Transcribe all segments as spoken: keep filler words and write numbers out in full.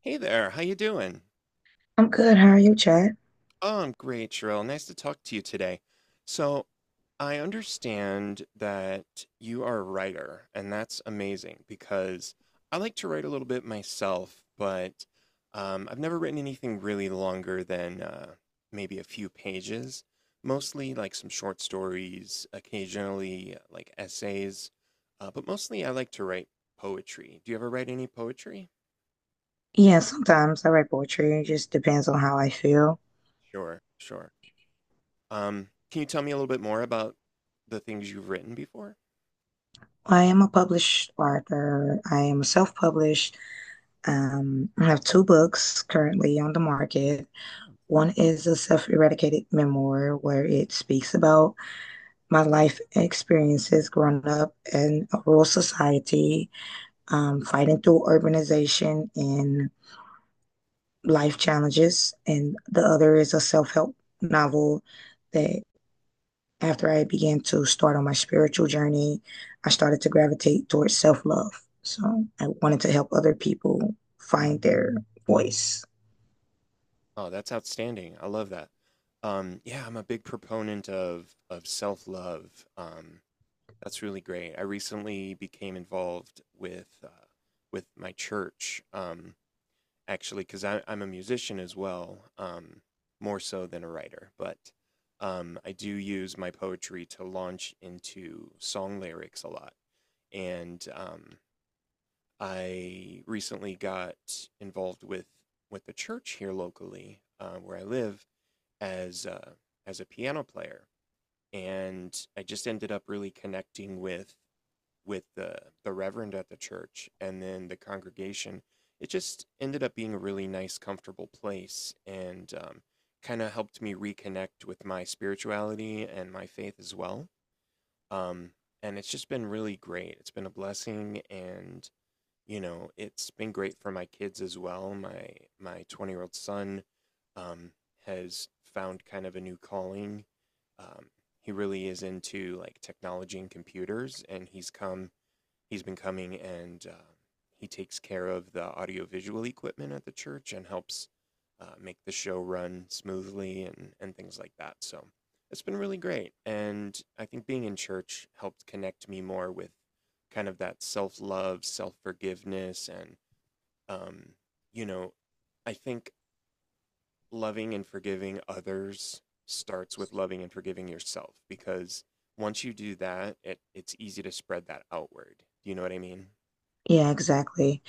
Hey there, how you doing? I'm good. How are you, Chad? Oh, I'm great, Cheryl. Nice to talk to you today. So, I understand that you are a writer, and that's amazing because I like to write a little bit myself, but um, I've never written anything really longer than uh, maybe a few pages. Mostly like some short stories, occasionally like essays, uh, but mostly I like to write poetry. Do you ever write any poetry? Yeah, sometimes I write poetry. It just depends on how I feel. Sure, sure. Um, can you tell me a little bit more about the things you've written before? I am a published author. I am self-published. Um, I have two books currently on the market. One is a self-eradicated memoir where it speaks about my life experiences growing up in a rural society, um, fighting through urbanization and life challenges. And the other is a self-help novel that, after I began to start on my spiritual journey, I started to gravitate towards self love. So I wanted to help other people find their voice. Oh, that's outstanding. I love that. Um, yeah, I'm a big proponent of of self-love. Um, that's really great. I recently became involved with uh, with my church, um, actually, because I'm a musician as well, um, more so than a writer. But um, I do use my poetry to launch into song lyrics a lot, and um, I recently got involved with with the church here locally uh, where I live as uh, as a piano player, and I just ended up really connecting with with the the reverend at the church and then the congregation. It just ended up being a really nice, comfortable place, and um, kind of helped me reconnect with my spirituality and my faith as well. Um, and it's just been really great. It's been a blessing, and you know, it's been great for my kids as well. My my twenty year old son um, has found kind of a new calling. Um, he really is into like technology and computers, and he's come he's been coming and uh, he takes care of the audiovisual equipment at the church and helps uh, make the show run smoothly and, and things like that. So it's been really great. And I think being in church helped connect me more with kind of that self love, self forgiveness. And, um, you know, I think loving and forgiving others starts with loving and forgiving yourself because once you do that, it, it's easy to spread that outward. Do you know what I mean? Yeah, exactly.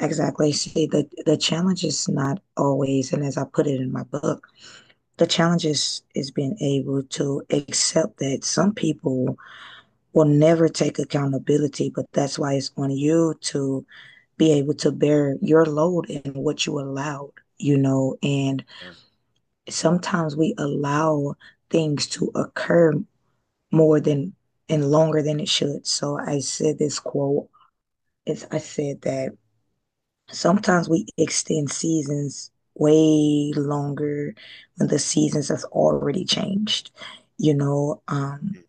Exactly. See, the the challenge is not always, and as I put it in my book, the challenge is is being able to accept that some people will never take accountability, but that's why it's on you to be able to bear your load and what you allowed, you know, and Yeah. sometimes we allow things to occur more than and longer than it should. So I said this quote. It's, I said that sometimes we extend seasons way longer when the seasons have already changed. You know, um, Mm,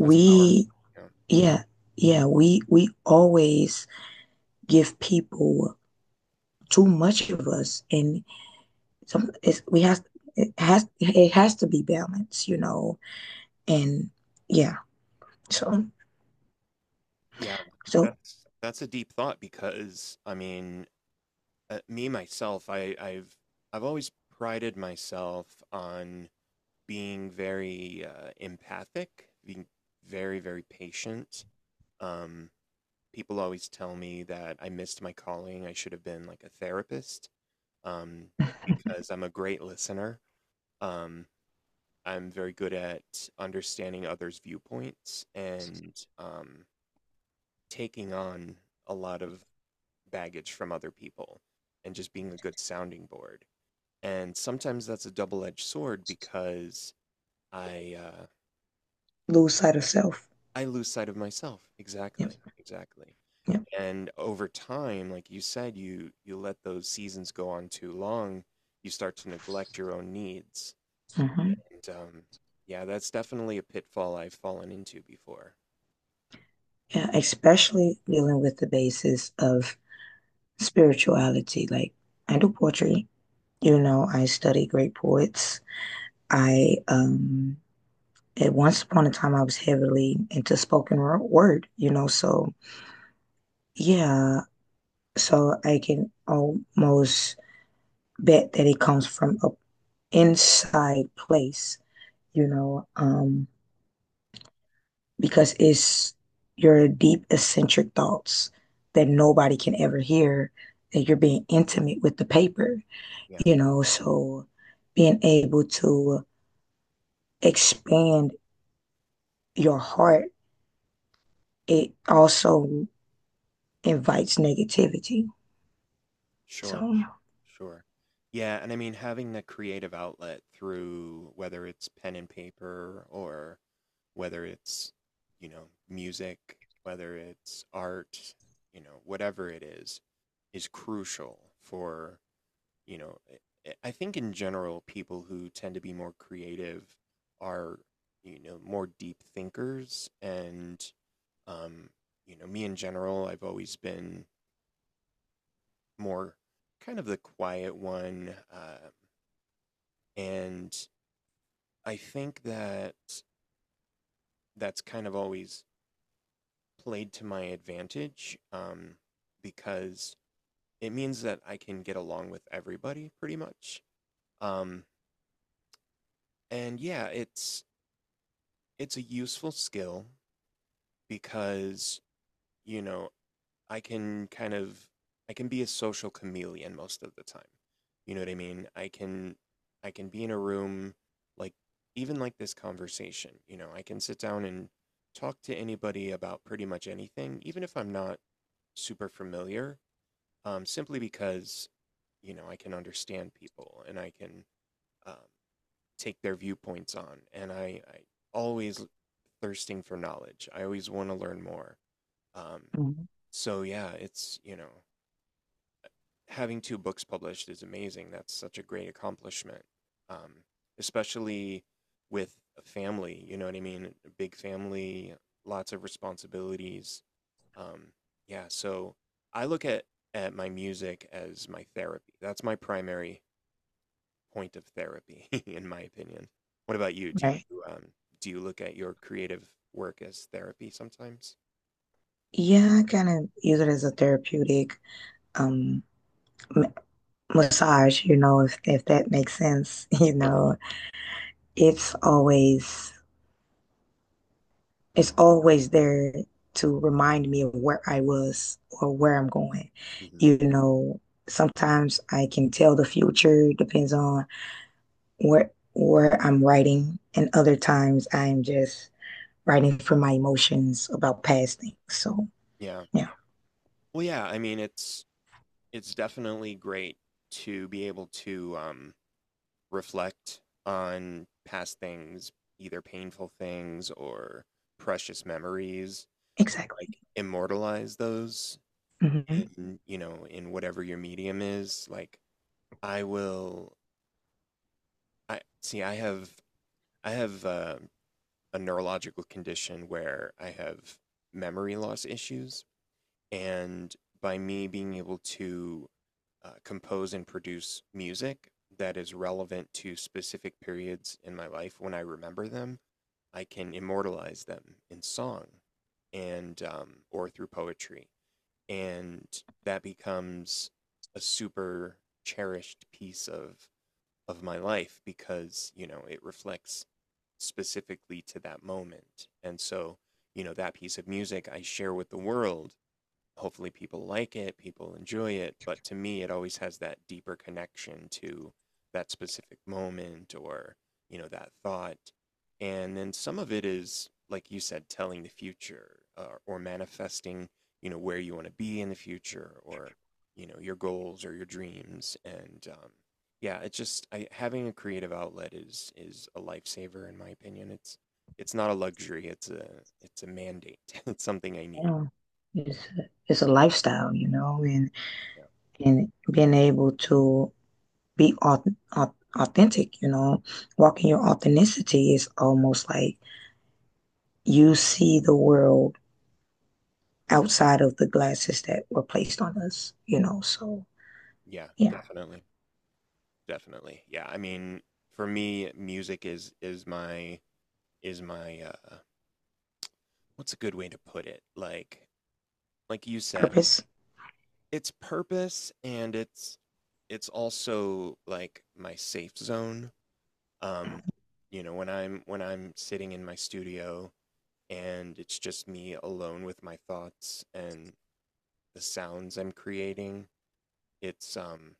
that's powerful. Yeah. yeah. Yeah, we we always give people too much of us, and some it's, we have it has it has to be balanced. You know, and yeah. So, Yeah, so that's that's a deep thought because I mean, uh, me myself, I I've I've always prided myself on being very uh, empathic, being very very patient. Um, people always tell me that I missed my calling. I should have been like a therapist um, because I'm a great listener. Um, I'm very good at understanding others' viewpoints and um, taking on a lot of baggage from other people and just being a good sounding board. And sometimes that's a double edged sword because I uh, lose sight of self. I lose sight of myself. Yep, Exactly. Exactly. yep. And over time, like you said, you you let those seasons go on too long, you start to neglect your own needs. Hmm. And um, yeah, that's definitely a pitfall I've fallen into before. Yeah, especially dealing with the basis of spirituality. Like I do poetry, you know, I study great poets. I um at once upon a time I was heavily into spoken word, you know, so yeah, so I can almost bet that it comes from an inside place, you know. Um, because it's your deep, eccentric thoughts that nobody can ever hear, that you're being intimate with the paper, Yeah, you know. So being able to expand your heart, it also invites negativity. sure, So, sure. Yeah, and I mean having that creative outlet through whether it's pen and paper or whether it's, you know, music, whether it's art, you know, whatever it is, is crucial for you know, I- I think in general, people who tend to be more creative are, you know, more deep thinkers. And, um, you know, me in general, I've always been more kind of the quiet one. Uh, and I think that that's kind of always played to my advantage um, because it means that I can get along with everybody pretty much. Um, and yeah, it's it's a useful skill because, you know, I can kind of I can be a social chameleon most of the time. You know what I mean? I can I can be in a room like even like this conversation, you know, I can sit down and talk to anybody about pretty much anything, even if I'm not super familiar, um, simply because, you know, I can understand people and I can um, take their viewpoints on. And I, I always thirsting for knowledge. I always want to learn more. Um, mhm, So yeah, it's, you know, having two books published is amazing. That's such a great accomplishment. Um, especially with a family, you know what I mean? A big family, lots of responsibilities. Um, yeah, so I look at at my music as my therapy. That's my primary point of therapy, in my opinion. What about you? Do right. you um, do you look at your creative work as therapy sometimes? Yeah, I kind of use it as a therapeutic um massage, you know, if if that makes sense, you Sure. know. It's always it's always there to remind me of where I was or where I'm going. Hmm. You know, sometimes I can tell the future depends on where where I'm writing, and other times I'm just writing from my emotions about past things. So Yeah. yeah, Well, yeah, I mean, it's it's definitely great to be able to um, reflect on past things, either painful things or precious memories, exactly. like immortalize those Hmm. in, you know, in whatever your medium is. Like I will, I see, I have, I have uh, a neurological condition where I have memory loss issues. And by me being able to uh, compose and produce music that is relevant to specific periods in my life. When I remember them, I can immortalize them in song and um, or through poetry, and that becomes a super cherished piece of of my life because you know it reflects specifically to that moment, and so you know that piece of music I share with the world, hopefully people like it, people enjoy it, but to me it always has that deeper connection to that specific moment or, you know, that thought. And then some of it is like you said telling the future uh, or manifesting, you know, where you want to be in the future or, you know, your goals or your dreams. And um yeah, it's just I, having a creative outlet is is a lifesaver in my opinion. It's it's not a luxury, it's a it's a mandate. It's something I need. Yeah, it's a, it's a lifestyle, you know, and and being able to be au- au- authentic, you know, walking your authenticity is almost like you see the world outside of the glasses that were placed on us, you know. So, Yeah, yeah, definitely. Definitely. Yeah, I mean, for me, music is is my is my uh what's a good way to put it? Like like you said, purpose. it's purpose and it's it's also like my safe zone. Um, you know, when I'm when I'm sitting in my studio and it's just me alone with my thoughts and the sounds I'm creating, it's um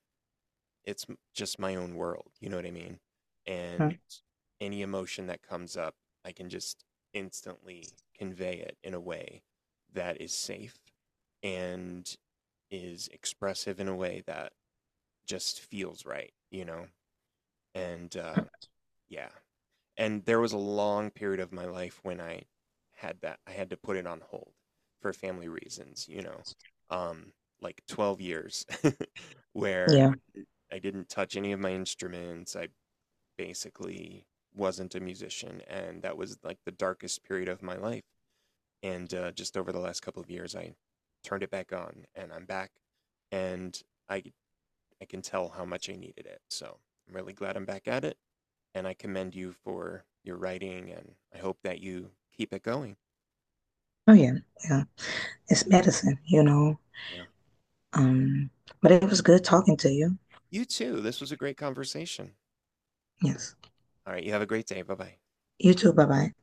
it's m- just my own world, you know what I mean. And any emotion that comes up, I can just instantly convey it in a way that is safe and is expressive in a way that just feels right, you know. And uh, yeah, and there was a long period of my life when i had that I had to put it on hold for family reasons, you know. um like twelve years where Yeah. I didn't touch any of my instruments. I basically wasn't a musician, and that was like the darkest period of my life. And uh, just over the last couple of years, I turned it back on, and I'm back, and I I can tell how much I needed it. So I'm really glad I'm back at it, and I commend you for your writing, and I hope that you keep it going. Oh, yeah. Yeah. It's medicine, you know. Yeah. Um, but it was good talking to you. You too. This was a great conversation. Yes. All right. You have a great day. Bye bye. You too. Bye bye.